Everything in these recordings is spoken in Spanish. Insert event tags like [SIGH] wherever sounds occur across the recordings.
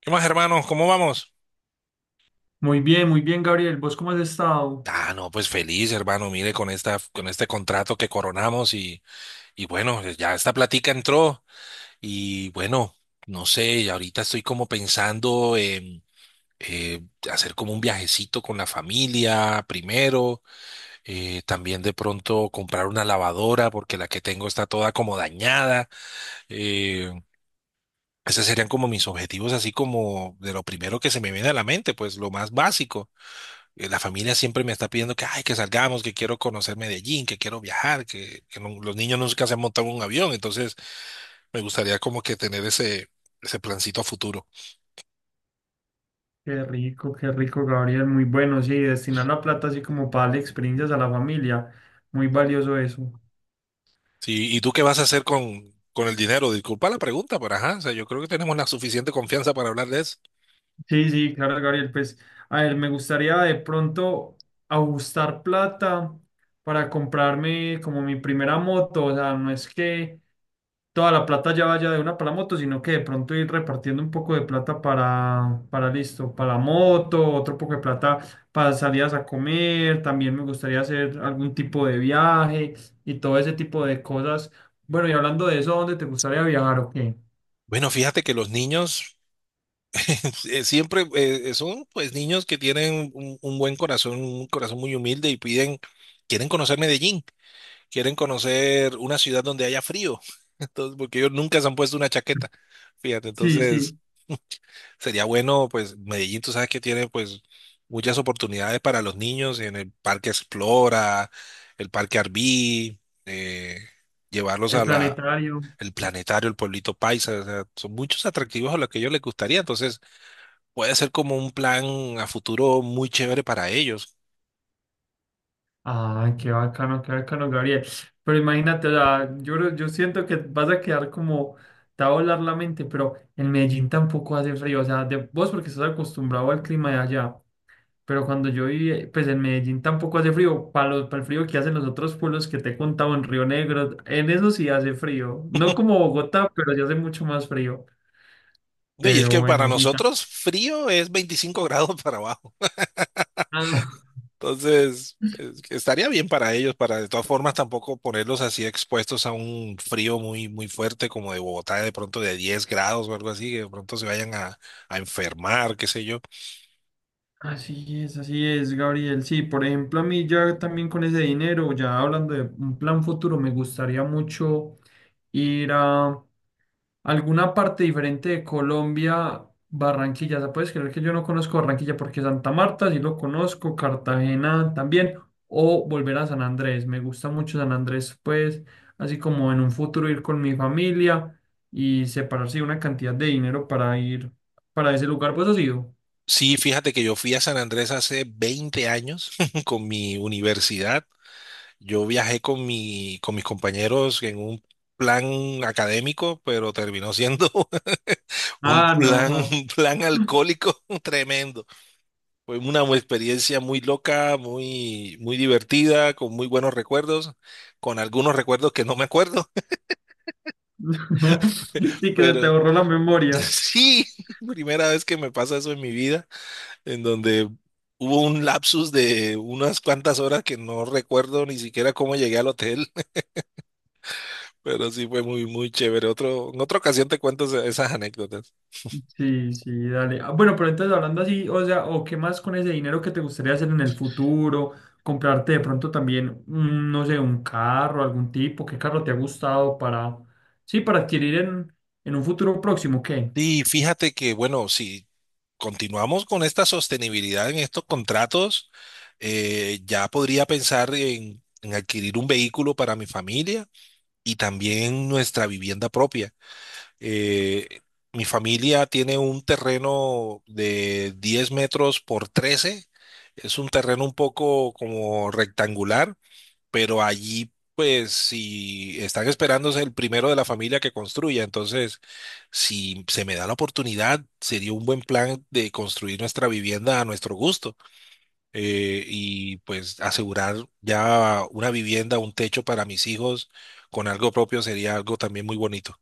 ¿Qué más, hermano? ¿Cómo vamos? Muy bien, Gabriel. ¿Vos cómo has estado? Ah, no, pues feliz, hermano. Mire, con este contrato que coronamos y bueno, ya esta platica entró y bueno, no sé, y ahorita estoy como pensando en eh, hacer como un viajecito con la familia primero, también de pronto comprar una lavadora porque la que tengo está toda como dañada. eh, Esos serían como mis objetivos, así como de lo primero que se me viene a la mente, pues lo más básico. La familia siempre me está pidiendo que, ay, que salgamos, que quiero conocer Medellín, que quiero viajar, que los niños nunca se han montado en un avión, entonces me gustaría como que tener ese plancito a futuro. Qué rico, Gabriel. Muy bueno, sí, destinar la plata así como para darle experiencias a la familia. Muy valioso eso. Sí, ¿y tú qué vas a hacer con el dinero? Disculpa la pregunta, pero ajá, o sea, yo creo que tenemos la suficiente confianza para hablar de eso. Sí, sí, claro, Gabriel. Pues, a ver, me gustaría de pronto ajustar plata para comprarme como mi primera moto. O sea, no es que toda la plata ya vaya de una para la moto, sino que de pronto ir repartiendo un poco de plata para listo, para la moto, otro poco de plata para salidas a comer, también me gustaría hacer algún tipo de viaje y todo ese tipo de cosas. Bueno, y hablando de eso, ¿a dónde te gustaría viajar o qué? Bueno, fíjate que los niños [LAUGHS] siempre son pues niños que tienen un buen corazón, un corazón muy humilde y piden, quieren conocer Medellín, quieren conocer una ciudad donde haya frío. Entonces, porque ellos nunca se han puesto una chaqueta. [LAUGHS] Fíjate, Sí, entonces sí, [LAUGHS] sería bueno, pues Medellín, tú sabes que tiene pues muchas oportunidades para los niños en el Parque Explora, el Parque Arví, eh, llevarlos a el la, planetario. el planetario, el pueblito paisa, o sea, son muchos atractivos a los que a ellos les gustaría, entonces puede ser como un plan a futuro muy chévere para ellos. ¡Ah, qué bacano, Gabriel! Pero imagínate, o sea, yo, yo siento que vas a quedar como, te va a volar la mente, pero en Medellín tampoco hace frío, o sea, de, vos porque estás acostumbrado al clima de allá, pero cuando yo viví, pues en Medellín tampoco hace frío, para para el frío que hacen los otros pueblos que te he contado en Río Negro, en eso sí hace frío, no como Bogotá, pero sí hace mucho más frío, No, y es pero que para bueno, sí, nosotros frío es 25 [LAUGHS] grados para abajo. también. Entonces, estaría bien para ellos, para de todas formas tampoco ponerlos así expuestos a un frío muy, muy fuerte como de Bogotá, de pronto de 10 grados o algo así, que de pronto se vayan a enfermar, qué sé yo. Así es, Gabriel. Sí, por ejemplo, a mí ya también con ese dinero, ya hablando de un plan futuro, me gustaría mucho ir a alguna parte diferente de Colombia, Barranquilla. O sea, ¿puedes creer que yo no conozco Barranquilla? Porque Santa Marta sí lo conozco, Cartagena también, o volver a San Andrés. Me gusta mucho San Andrés, pues, así como en un futuro ir con mi familia y separarse una cantidad de dinero para ir para ese lugar. ¿Pues has ido? Sí, fíjate que yo fui a San Andrés hace 20 años [LAUGHS] con mi universidad. Yo viajé con mis compañeros en un plan académico, pero terminó siendo [LAUGHS] Ah, no. Ajá. un plan alcohólico [LAUGHS] tremendo. Fue una experiencia muy loca, muy divertida, con muy buenos recuerdos, con algunos recuerdos que no me acuerdo, [LAUGHS] [LAUGHS] Sí, que se te pero borró la [LAUGHS] memoria. sí, [LAUGHS] primera vez que me pasa eso en mi vida, en donde hubo un lapsus de unas cuantas horas que no recuerdo ni siquiera cómo llegué al hotel, [LAUGHS] pero sí fue muy chévere. Otro, en otra ocasión te cuento esas anécdotas. Sí, sí, dale. Ah, bueno, pero entonces hablando así, o sea, o qué más con ese dinero que te gustaría hacer en el futuro, comprarte de pronto también, no sé, un carro, algún tipo, qué carro te ha gustado para, sí, para adquirir en un futuro próximo, ¿qué? Sí, fíjate que, bueno, si continuamos con esta sostenibilidad en estos contratos. Ya podría pensar en adquirir un vehículo para mi familia y también nuestra vivienda propia. Eh, Mi familia tiene un terreno de 10 metros por 13. Es un terreno un poco como rectangular, pero allí pues si están esperándose el primero de la familia que construya, entonces si se me da la oportunidad, sería un buen plan de construir nuestra vivienda a nuestro gusto y pues asegurar ya una vivienda, un techo para mis hijos con algo propio sería algo también muy bonito.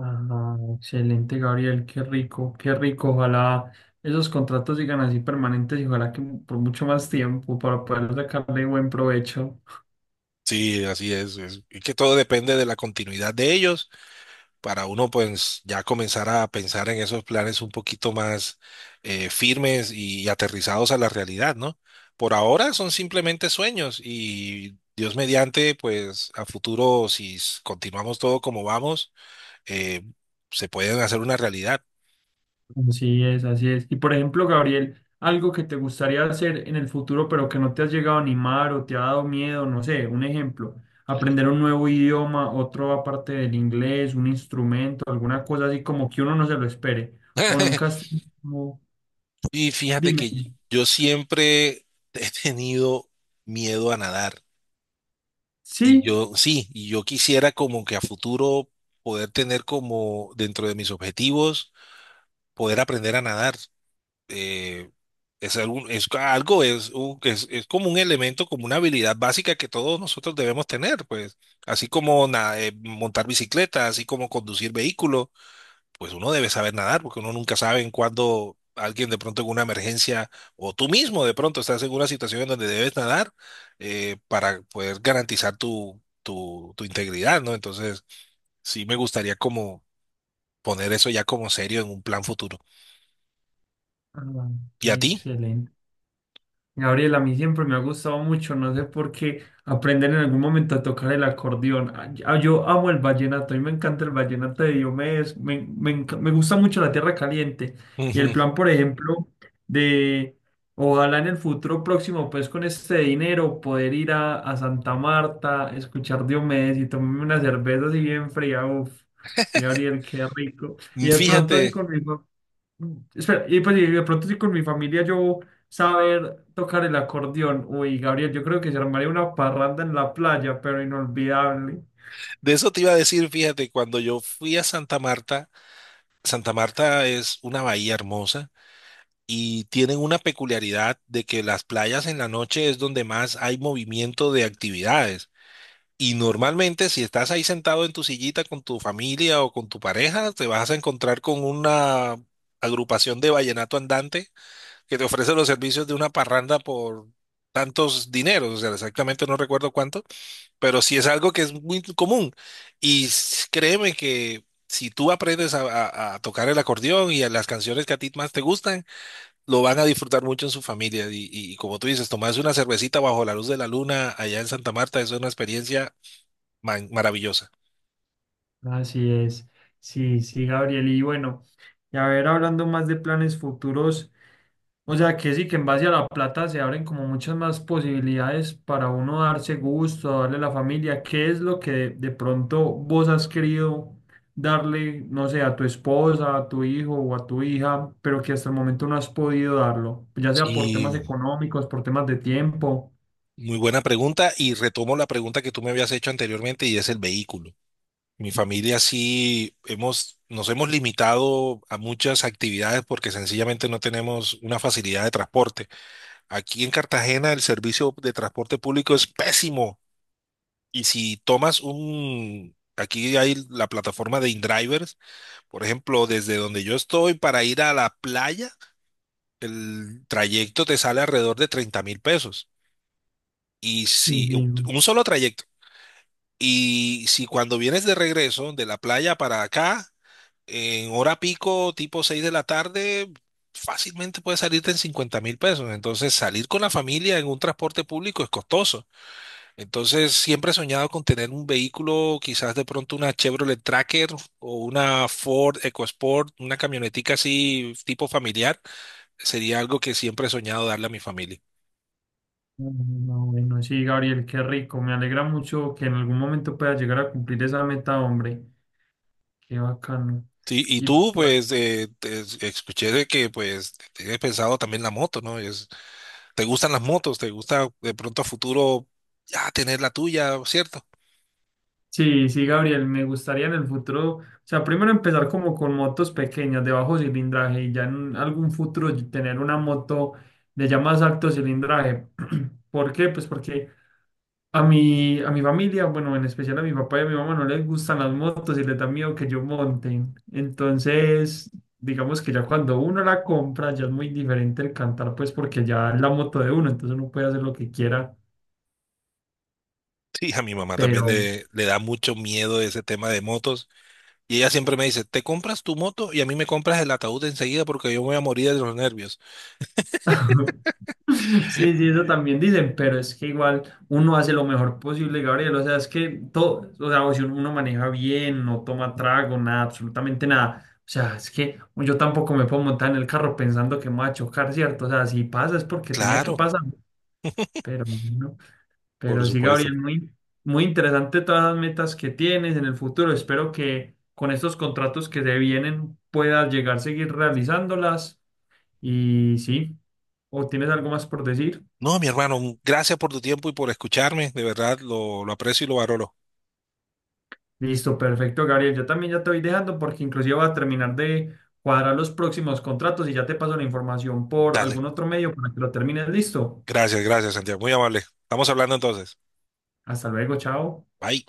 Ah, excelente, Gabriel, qué rico, qué rico. Ojalá esos contratos sigan así permanentes y ojalá que por mucho más tiempo para poder sacarle buen provecho. Sí, así es. Es que todo depende de la continuidad de ellos para uno pues ya comenzar a pensar en esos planes un poquito más firmes y aterrizados a la realidad, ¿no? Por ahora son simplemente sueños y Dios mediante pues a futuro si continuamos todo como vamos eh, se pueden hacer una realidad. Así es, así es. Y por ejemplo, Gabriel, algo que te gustaría hacer en el futuro, pero que no te has llegado a animar o te ha dado miedo, no sé, un ejemplo, aprender un nuevo idioma, otro aparte del inglés, un instrumento, alguna cosa así como que uno no se lo espere. O nunca [LAUGHS] has tenido- Y fíjate Dime. que yo siempre [LAUGHS] he tenido miedo a nadar. Sí. Sí, y yo quisiera como que a futuro poder tener como dentro de mis objetivos, poder aprender a nadar. Eh, es algún, es algo, es como un elemento, como una habilidad básica que todos nosotros debemos tener, pues, así como montar bicicleta, así como conducir vehículos pues uno debe saber nadar, porque uno nunca sabe en cuándo alguien de pronto en una emergencia, o tú mismo de pronto estás en una situación en donde debes nadar para poder garantizar tu integridad, ¿no? Entonces, sí me gustaría como poner eso ya como serio en un plan futuro. Ah, ¿Y a ti? excelente. Gabriel, a mí siempre me ha gustado mucho, no sé por qué, aprender en algún momento a tocar el acordeón. Ah, yo yo amo el vallenato, a mí me encanta el vallenato de Diomedes, me gusta mucho la tierra caliente. Y el Ujú. plan, por ejemplo, de ojalá en el futuro próximo, pues con este dinero, poder ir a Santa Marta, escuchar Diomedes y tomarme una cerveza así bien fría. Uf, Gabriel, qué rico. Y de pronto así Fíjate, con mi, Mm, espera, y pues y de pronto si con mi familia yo saber tocar el acordeón. Uy, Gabriel, yo creo que se armaría una parranda en la playa, pero inolvidable. de eso te iba a decir, fíjate, cuando yo fui a Santa Marta, Santa Marta es una bahía hermosa y tienen una peculiaridad de que las playas en la noche es donde más hay movimiento de actividades. Y normalmente si estás ahí sentado en tu sillita con tu familia o con tu pareja, te vas a encontrar con una agrupación de vallenato andante que te ofrece los servicios de una parranda por tantos dineros, o sea, exactamente no recuerdo cuánto, pero sí es algo que es muy común. Y créeme que si tú aprendes a tocar el acordeón y a las canciones que a ti más te gustan, lo van a disfrutar mucho en su familia. Y como tú dices, tomarse una cervecita bajo la luz de la luna allá en Santa Marta, eso es una experiencia maravillosa. Así es. Sí, sí, Gabriel. Y bueno, y a ver, hablando más de planes futuros. O sea que sí, que en base a la plata se abren como muchas más posibilidades para uno darse gusto, darle a la familia. ¿Qué es lo que de pronto vos has querido darle, no sé, a tu esposa, a tu hijo o a tu hija, pero que hasta el momento no has podido darlo? Ya sea por temas Sí, económicos, por temas de tiempo. muy buena pregunta. Y retomo la pregunta que tú me habías hecho anteriormente y es el vehículo. Mi familia sí hemos, nos hemos limitado a muchas actividades porque sencillamente no tenemos una facilidad de transporte. Aquí en Cartagena el servicio de transporte público es pésimo. Y si tomas aquí hay la plataforma de InDriver, por ejemplo, desde donde yo estoy para ir a la playa, el trayecto te sale alrededor de 30.000 pesos. Y Sí, si, sí, no, un solo trayecto. Y si cuando vienes de regreso de la playa para acá, en hora pico, tipo 6 de la tarde, fácilmente puedes salirte en 50.000 pesos. Entonces, salir con la familia en un transporte público es costoso. Entonces, siempre he soñado con tener un vehículo, quizás de pronto una Chevrolet Tracker o una Ford EcoSport, una camionetica así tipo familiar. Sería algo que siempre he soñado darle a mi familia. no, bueno, sí, Gabriel, qué rico. Me alegra mucho que en algún momento puedas llegar a cumplir esa meta, hombre. Qué bacano. Sí, y Y tú, por pues, escuché de que, pues, tienes pensado también la moto, ¿no? ¿Te gustan las motos? ¿Te gusta de pronto a futuro ya tener la tuya, cierto? [LAUGHS] sí, sí, Gabriel, me gustaría en el futuro, o sea, primero empezar como con motos pequeñas de bajo cilindraje y ya en algún futuro tener una moto de ya más alto cilindraje. ¿Por qué? Pues porque a mi familia, bueno, en especial a mi papá y a mi mamá no les gustan las motos y les da miedo que yo monte. Entonces, digamos que ya cuando uno la compra ya es muy diferente el cantar, pues porque ya es la moto de uno, entonces uno puede hacer lo que quiera, Sí, a mi mamá también pero... le da mucho miedo ese tema de motos. Y ella siempre me dice, te compras tu moto y a mí me compras el ataúd enseguida porque yo me voy a morir de los nervios. [LAUGHS] [LAUGHS] Sí, sí, eso también dicen, pero es que igual uno hace lo mejor posible, Gabriel. O sea, es que todo, o sea, o si uno maneja bien, no toma trago, nada, absolutamente nada. O sea, es que yo tampoco me puedo montar en el carro pensando que me va a chocar, ¿cierto? O sea, si pasa es porque tenía que Claro, pasar, pero bueno, por pero sí, supuesto. Gabriel, muy, muy interesante todas las metas que tienes en el futuro. Espero que con estos contratos que te vienen puedas llegar a seguir realizándolas y sí, ¿o tienes algo más por decir? No, mi hermano, gracias por tu tiempo y por escucharme. De verdad, lo aprecio y lo valoro. Listo, perfecto, Gabriel. Yo también ya te voy dejando porque inclusive voy a terminar de cuadrar los próximos contratos y ya te paso la información por Dale. algún otro medio para que lo termines. Listo. Gracias, gracias, Santiago. Muy amable. Estamos hablando entonces. Hasta luego, chao. Bye.